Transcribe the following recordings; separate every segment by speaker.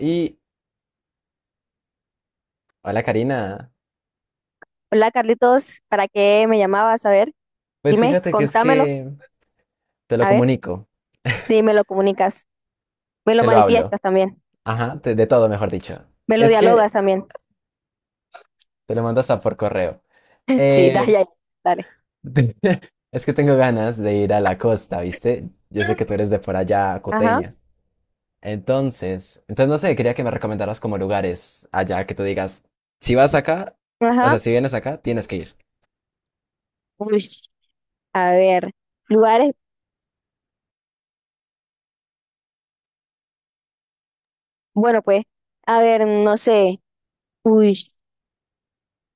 Speaker 1: Y hola, Karina.
Speaker 2: Hola Carlitos, ¿para qué me llamabas? A ver,
Speaker 1: Pues
Speaker 2: dime,
Speaker 1: fíjate que es
Speaker 2: contámelo,
Speaker 1: que te lo
Speaker 2: a ver,
Speaker 1: comunico,
Speaker 2: si me lo comunicas, me lo
Speaker 1: te lo hablo.
Speaker 2: manifiestas también,
Speaker 1: Ajá, de todo, mejor dicho.
Speaker 2: me lo
Speaker 1: Es que
Speaker 2: dialogas también.
Speaker 1: te lo mandas a por correo.
Speaker 2: Sí, dale,
Speaker 1: Eh,
Speaker 2: ya, dale.
Speaker 1: es que tengo ganas de ir a la costa, ¿viste? Yo sé que tú eres de por allá,
Speaker 2: Ajá,
Speaker 1: coteña. Entonces no sé, quería que me recomendaras como lugares allá que tú digas, si vas acá, o
Speaker 2: ajá.
Speaker 1: sea, si vienes acá, tienes que ir.
Speaker 2: Uy, a ver, lugares, bueno pues, a ver, no sé, uy,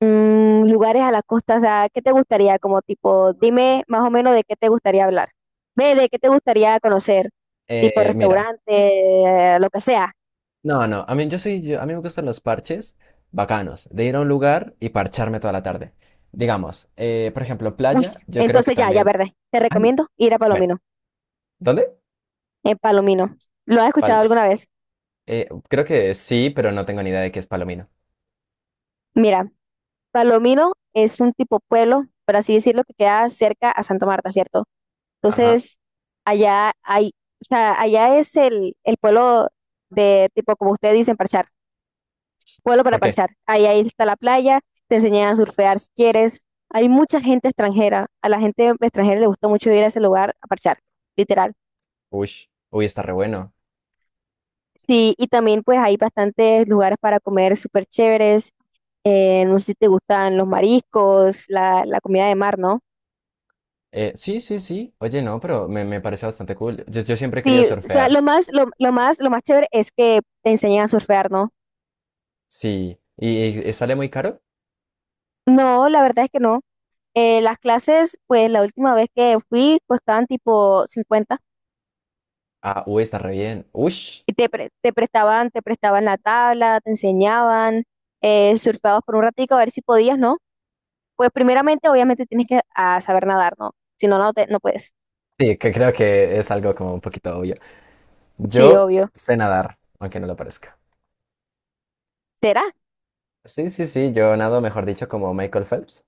Speaker 2: lugares a la costa, o sea, ¿qué te gustaría? Como tipo, dime más o menos de qué te gustaría hablar, ve, de qué te gustaría conocer, tipo
Speaker 1: Mira.
Speaker 2: restaurante, lo que sea.
Speaker 1: No, no, a mí, yo soy, a mí me gustan los parches bacanos, de ir a un lugar y parcharme toda la tarde. Digamos, por ejemplo,
Speaker 2: Uy,
Speaker 1: playa, yo creo que
Speaker 2: entonces ya, ya,
Speaker 1: también.
Speaker 2: verde, te
Speaker 1: Ay,
Speaker 2: recomiendo ir a
Speaker 1: bueno,
Speaker 2: Palomino.
Speaker 1: ¿dónde?
Speaker 2: En Palomino. ¿Lo has escuchado
Speaker 1: Pal-
Speaker 2: alguna vez?
Speaker 1: creo que sí, pero no tengo ni idea de qué es Palomino.
Speaker 2: Mira, Palomino es un tipo pueblo, por así decirlo, que queda cerca a Santa Marta, ¿cierto?
Speaker 1: Ajá.
Speaker 2: Entonces, allá hay, o sea, allá es el pueblo de tipo, como ustedes dicen, parchar, pueblo para
Speaker 1: ¿Por qué?
Speaker 2: parchar. Ahí está la playa, te enseñan a surfear si quieres. Hay mucha gente extranjera. A la gente extranjera le gusta mucho ir a ese lugar a parchar, literal.
Speaker 1: Uy, uy, está re bueno.
Speaker 2: Sí, y también pues hay bastantes lugares para comer súper chéveres. No sé si te gustan los mariscos, la comida de mar, ¿no?
Speaker 1: Sí, sí, sí. Oye, no, pero me parece bastante cool. Yo siempre he querido
Speaker 2: Sí, o sea,
Speaker 1: surfear.
Speaker 2: lo más chévere es que te enseñan a surfear, ¿no?
Speaker 1: Sí. Y sale muy caro?
Speaker 2: No, la verdad es que no. Las clases, pues la última vez que fui costaban tipo 50
Speaker 1: Ah, uy, está re bien. Uy. Sí,
Speaker 2: y te prestaban la tabla, te enseñaban, surfeabas por un ratico a ver si podías, ¿no? Pues primeramente, obviamente tienes que saber nadar, ¿no? Si no, no puedes.
Speaker 1: que creo que es algo como un poquito obvio.
Speaker 2: Sí,
Speaker 1: Yo
Speaker 2: obvio.
Speaker 1: sé nadar, aunque no lo parezca.
Speaker 2: ¿Será?
Speaker 1: Sí, sí, sí, yo nado, mejor dicho, como Michael Phelps.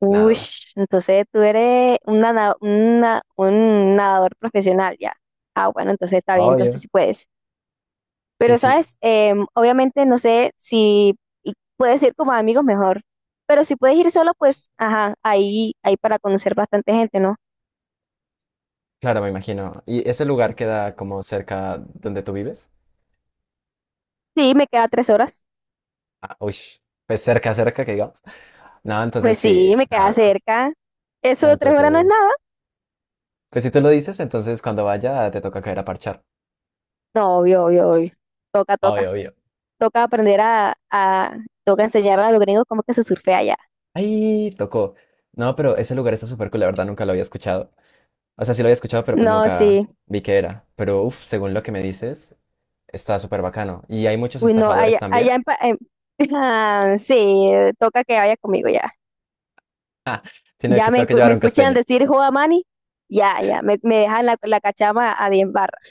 Speaker 2: Uy,
Speaker 1: Nada.
Speaker 2: entonces tú eres un, nada- una- un nadador profesional ya. Ah, bueno, entonces está bien,
Speaker 1: Obvio.
Speaker 2: entonces sí puedes.
Speaker 1: Sí,
Speaker 2: Pero,
Speaker 1: sí,
Speaker 2: ¿sabes? Obviamente no sé si y puedes ir como amigos mejor. Pero si puedes ir solo, pues, ajá, ahí para conocer bastante gente, ¿no?
Speaker 1: claro, me imagino. Ese lugar queda como cerca donde tú vives?
Speaker 2: Sí, me queda 3 horas.
Speaker 1: Ah, uy, pues cerca, cerca, que digamos. No, entonces
Speaker 2: Pues
Speaker 1: sí,
Speaker 2: sí, me
Speaker 1: no,
Speaker 2: queda
Speaker 1: no,
Speaker 2: cerca. Eso
Speaker 1: no.
Speaker 2: de 3 horas no es nada.
Speaker 1: Entonces, pues si tú lo dices, entonces cuando vaya te toca caer a parchar.
Speaker 2: No, obvio, obvio, obvio. Toca, toca.
Speaker 1: Obvio, obvio.
Speaker 2: Toca aprender toca enseñar a los gringos cómo que se surfea allá.
Speaker 1: Ay, tocó. No, pero ese lugar está súper cool, la verdad nunca lo había escuchado. O sea, sí lo había escuchado, pero pues
Speaker 2: No,
Speaker 1: nunca
Speaker 2: sí.
Speaker 1: vi qué era. Pero uff, según lo que me dices, está súper bacano. Y hay muchos
Speaker 2: Uy, no,
Speaker 1: estafadores
Speaker 2: allá,
Speaker 1: también.
Speaker 2: allá en, Pa- en- Ah, sí, toca que vaya conmigo ya.
Speaker 1: Ah, tiene que, tengo que llevar
Speaker 2: Me
Speaker 1: un
Speaker 2: escuchan
Speaker 1: costeño.
Speaker 2: decir joda Mani, ya, ya, me dejan la cachama a 10 barras.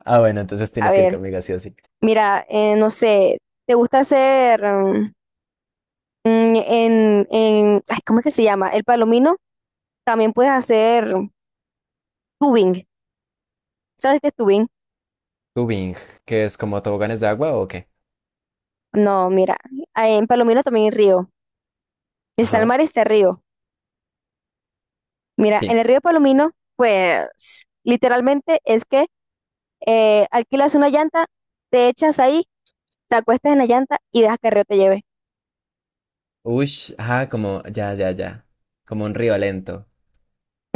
Speaker 1: Ah, bueno, entonces
Speaker 2: A
Speaker 1: tienes que ir
Speaker 2: ver,
Speaker 1: conmigo, sí o sí.
Speaker 2: mira, no sé, ¿te gusta hacer ¿cómo es que se llama? El palomino, también puedes hacer tubing. ¿Sabes qué es tubing?
Speaker 1: Tubing, ¿que es como toboganes de agua o qué?
Speaker 2: No, mira, en Palomino también hay río. El
Speaker 1: Ajá.
Speaker 2: Salmar está río. Mira,
Speaker 1: Sí.
Speaker 2: en el río Palomino, pues, literalmente es que alquilas una llanta, te echas ahí, te acuestas en la llanta y dejas que el río te lleve.
Speaker 1: Ush, ajá, como, ya, ya, ya. Como un río lento.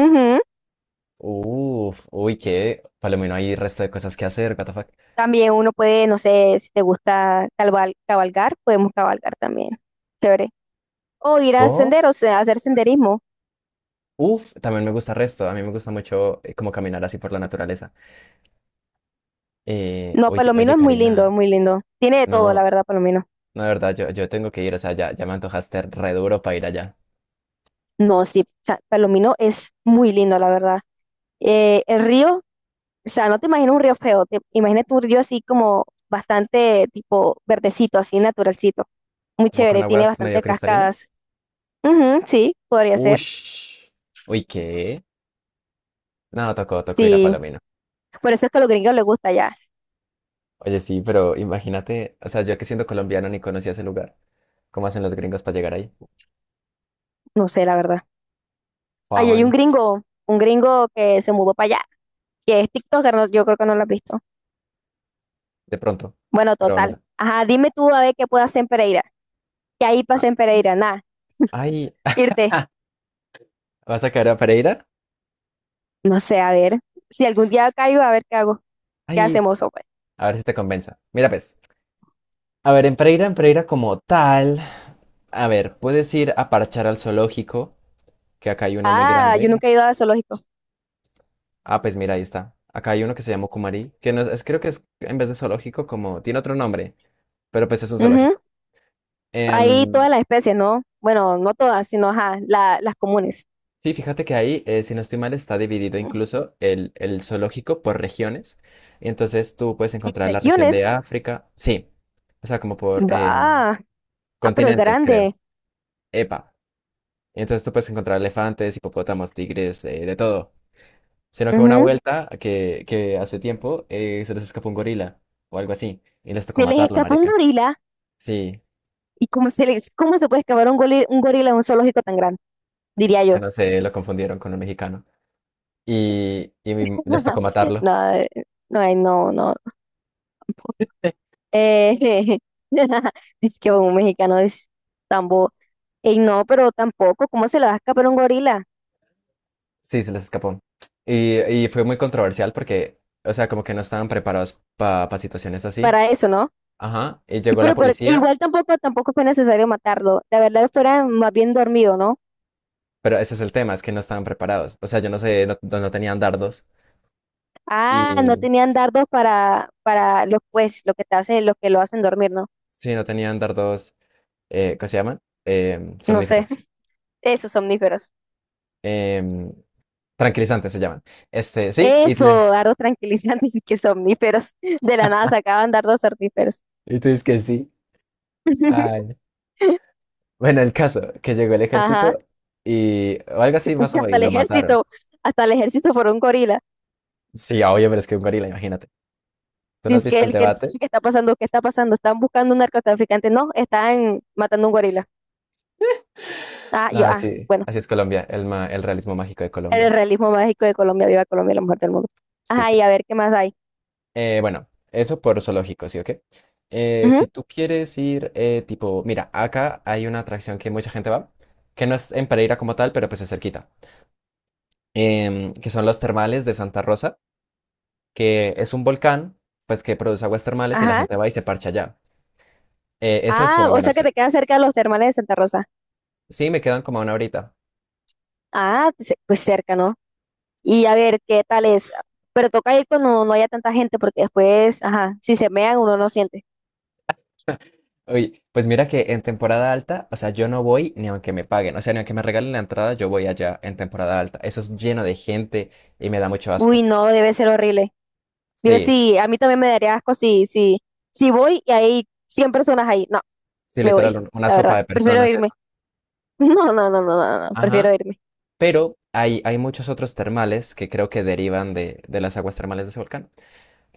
Speaker 2: Ujú.
Speaker 1: Uf, uy, qué. Palomino, hay resto de cosas que hacer, what the fuck.
Speaker 2: También uno puede, no sé, si te gusta cabalgar, podemos cabalgar también. Chévere. O ir a
Speaker 1: Uf,
Speaker 2: senderos, a hacer senderismo.
Speaker 1: uf, también me gusta resto. A mí me gusta mucho como caminar así por la naturaleza.
Speaker 2: No,
Speaker 1: Oye,
Speaker 2: Palomino
Speaker 1: oye,
Speaker 2: es muy lindo,
Speaker 1: Karina.
Speaker 2: es muy lindo. Tiene de todo, la
Speaker 1: No,
Speaker 2: verdad, Palomino.
Speaker 1: no, de verdad, yo tengo que ir, o sea, ya, ya me antojaste re duro para ir allá.
Speaker 2: No, sí, o sea, Palomino es muy lindo, la verdad. El río, o sea, no te imaginas un río feo, te imaginas un río así como bastante tipo verdecito, así naturalcito. Muy
Speaker 1: ¿Como con
Speaker 2: chévere, tiene
Speaker 1: aguas medio
Speaker 2: bastante cascadas.
Speaker 1: cristalinas?
Speaker 2: Ujú, sí, podría ser.
Speaker 1: Ush. Uy, ¿qué? No, tocó, tocó ir a
Speaker 2: Sí,
Speaker 1: Palomino.
Speaker 2: por eso es que a los gringos les gusta allá.
Speaker 1: Oye, sí, pero imagínate, o sea, yo que siendo colombiano ni conocía ese lugar. ¿Cómo hacen los gringos para llegar ahí?
Speaker 2: No sé, la verdad. Ahí hay
Speaker 1: Juan,
Speaker 2: un gringo que se mudó para allá, que es TikToker, no- yo creo que no lo has visto.
Speaker 1: de pronto.
Speaker 2: Bueno,
Speaker 1: Pero no
Speaker 2: total.
Speaker 1: sé.
Speaker 2: Ajá, dime tú a ver qué puedo hacer en Pereira. ¿Qué hay para
Speaker 1: Ah,
Speaker 2: hacer en Pereira? Nada,
Speaker 1: ay,
Speaker 2: irte.
Speaker 1: ¿vas a caer a Pereira?
Speaker 2: No sé, a ver. Si algún día caigo, a ver qué hago. ¿Qué
Speaker 1: Ay,
Speaker 2: hacemos, hombre?
Speaker 1: a ver si te convenza. Mira, pues. A ver, en Pereira como tal. A ver, puedes ir a parchar al zoológico, que acá hay uno muy
Speaker 2: Ah, yo
Speaker 1: grande.
Speaker 2: nunca he ido a zoológico.
Speaker 1: Ah, pues mira, ahí está. Acá hay uno que se llama Kumari, que no creo que es en vez de zoológico, como tiene otro nombre, pero pues es un
Speaker 2: Ujú.
Speaker 1: zoológico.
Speaker 2: Ahí
Speaker 1: Em,
Speaker 2: todas las especies, ¿no? Bueno, no todas, sino ajá, las comunes.
Speaker 1: sí, fíjate que ahí, si no estoy mal, está dividido incluso el zoológico por regiones. Y entonces tú puedes encontrar la región de
Speaker 2: Regiones.
Speaker 1: África, sí, o sea, como por
Speaker 2: Ah, pero es
Speaker 1: continentes, creo.
Speaker 2: grande.
Speaker 1: Epa. Y entonces tú puedes encontrar elefantes, hipopótamos, tigres, de todo. Sino que una vuelta que hace tiempo se les escapó un gorila o algo así y les tocó
Speaker 2: Se les
Speaker 1: matarlo,
Speaker 2: escapó un
Speaker 1: marica.
Speaker 2: gorila
Speaker 1: Sí,
Speaker 2: y cómo se puede escapar un gorila en un zoológico tan grande, diría
Speaker 1: ya
Speaker 2: yo.
Speaker 1: no sé, lo confundieron con un mexicano. Les tocó matarlo.
Speaker 2: No, no, ay, no, no. Eh, dice que un mexicano es tan bobo. Ey, no, pero tampoco, ¿cómo se le va a escapar un gorila?
Speaker 1: Sí, se les escapó. Y fue muy controversial porque, o sea, como que no estaban preparados para situaciones así.
Speaker 2: Para eso, ¿no?
Speaker 1: Ajá, y
Speaker 2: Y
Speaker 1: llegó la
Speaker 2: pero
Speaker 1: policía,
Speaker 2: igual tampoco, tampoco fue necesario matarlo. La verdad fuera más bien dormido, ¿no?
Speaker 1: pero ese es el tema, es que no estaban preparados. O sea, yo no sé, no tenían dardos.
Speaker 2: Ah, no
Speaker 1: Y
Speaker 2: tenían dardos para los pues, lo que te hace, lo que lo hacen dormir, ¿no?
Speaker 1: sí, no tenían dardos, ¿qué se llaman?
Speaker 2: No sé.
Speaker 1: Somníferas.
Speaker 2: Esos somníferos.
Speaker 1: Em, tranquilizantes se llaman. Este, sí,
Speaker 2: Eso, dardos tranquilizantes y que somníferos. De la nada sacaban dardos somníferos.
Speaker 1: y tú dices que sí. Ay. Bueno, el caso, que llegó el
Speaker 2: Ajá.
Speaker 1: ejército y o algo así
Speaker 2: Pues
Speaker 1: pasó
Speaker 2: hasta
Speaker 1: y
Speaker 2: el
Speaker 1: lo mataron.
Speaker 2: ejército, hasta el ejército por un gorila.
Speaker 1: Sí, obvio, pero es que un gorila, imagínate. ¿Tú no has
Speaker 2: Dice que
Speaker 1: visto el
Speaker 2: el que no
Speaker 1: debate?
Speaker 2: sabe qué está pasando, qué está pasando. Están buscando un narcotraficante. No, están matando un gorila.
Speaker 1: Nada, sí,
Speaker 2: Bueno.
Speaker 1: así es Colombia, el realismo mágico de
Speaker 2: El
Speaker 1: Colombia.
Speaker 2: realismo mágico de Colombia. Viva Colombia, la mujer del mundo.
Speaker 1: Sí,
Speaker 2: Ajá,
Speaker 1: sí.
Speaker 2: y a ver qué más hay.
Speaker 1: Bueno, eso por zoológico, ¿sí o qué?
Speaker 2: Ujú,
Speaker 1: Si tú quieres ir, tipo, mira, acá hay una atracción que mucha gente va, que no es en Pereira como tal, pero pues es cerquita, que son los termales de Santa Rosa, que es un volcán, pues que produce aguas termales y la
Speaker 2: ajá.
Speaker 1: gente va y se parcha allá. Esa es
Speaker 2: Ah,
Speaker 1: una
Speaker 2: o
Speaker 1: buena
Speaker 2: sea que
Speaker 1: opción.
Speaker 2: te quedas cerca de los termales de Santa Rosa.
Speaker 1: Sí, me quedan como una horita.
Speaker 2: Pues cerca, ¿no? Y a ver qué tal es. Pero toca ir cuando no haya tanta gente, porque después, ajá, si se mean uno no siente.
Speaker 1: Oye, pues mira que en temporada alta, o sea, yo no voy ni aunque me paguen, o sea, ni aunque me regalen la entrada, yo voy allá en temporada alta. Eso es lleno de gente y me da mucho
Speaker 2: Uy,
Speaker 1: asco.
Speaker 2: no, debe ser horrible. Debe,
Speaker 1: Sí,
Speaker 2: sí, a mí también me daría asco si voy y hay 100 personas ahí. No,
Speaker 1: sí,
Speaker 2: me
Speaker 1: literal,
Speaker 2: voy,
Speaker 1: una
Speaker 2: la
Speaker 1: sopa
Speaker 2: verdad.
Speaker 1: de
Speaker 2: Prefiero
Speaker 1: personas,
Speaker 2: irme.
Speaker 1: eso.
Speaker 2: No, no, no, no, no, no, prefiero
Speaker 1: Ajá.
Speaker 2: irme.
Speaker 1: Pero hay muchos otros termales que creo que derivan de las aguas termales de ese volcán,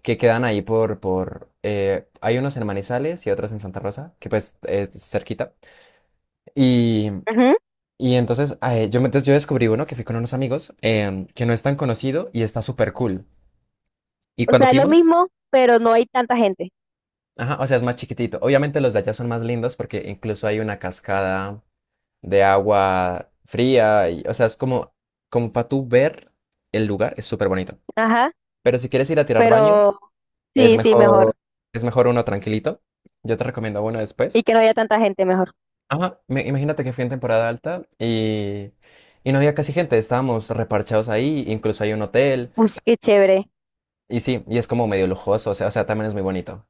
Speaker 1: que quedan ahí por, hay unos en Manizales y otros en Santa Rosa, que pues es cerquita.
Speaker 2: Ujú.
Speaker 1: Y entonces, entonces yo descubrí uno que fui con unos amigos que no es tan conocido y está súper cool. Y
Speaker 2: O
Speaker 1: cuando
Speaker 2: sea, es lo
Speaker 1: fuimos,
Speaker 2: mismo, pero no hay tanta gente.
Speaker 1: ajá, o sea, es más chiquitito. Obviamente los de allá son más lindos porque incluso hay una cascada de agua fría. Y, o sea, es como, como para tú ver el lugar, es súper bonito.
Speaker 2: Ajá,
Speaker 1: Pero si quieres ir a tirar baño,
Speaker 2: pero
Speaker 1: es
Speaker 2: sí, sí,
Speaker 1: mejor,
Speaker 2: mejor.
Speaker 1: es mejor uno tranquilito. Yo te recomiendo uno
Speaker 2: Y
Speaker 1: después.
Speaker 2: que no haya tanta gente, mejor.
Speaker 1: Ajá, imagínate que fui en temporada alta y no había casi gente. Estábamos reparchados ahí, incluso hay un hotel.
Speaker 2: Uy, qué chévere.
Speaker 1: Y sí, y es como medio lujoso, o sea, también es muy bonito.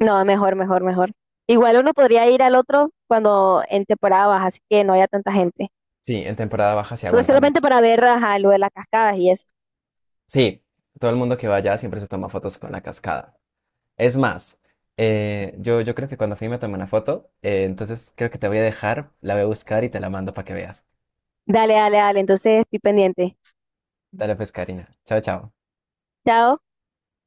Speaker 2: No, mejor, mejor, mejor. Igual uno podría ir al otro cuando en temporada baja, así que no haya tanta gente.
Speaker 1: Sí, en temporada baja se
Speaker 2: Creo que
Speaker 1: aguanta
Speaker 2: solamente
Speaker 1: mucho.
Speaker 2: para ver, ajá, lo de las cascadas y eso.
Speaker 1: Sí, todo el mundo que va allá siempre se toma fotos con la cascada. Es más, yo creo que cuando fui me tomé una foto, entonces creo que te voy a dejar, la voy a buscar y te la mando para que veas.
Speaker 2: Dale, dale, dale. Entonces estoy pendiente.
Speaker 1: Dale pues, Karina. Chao, chao.
Speaker 2: Chao.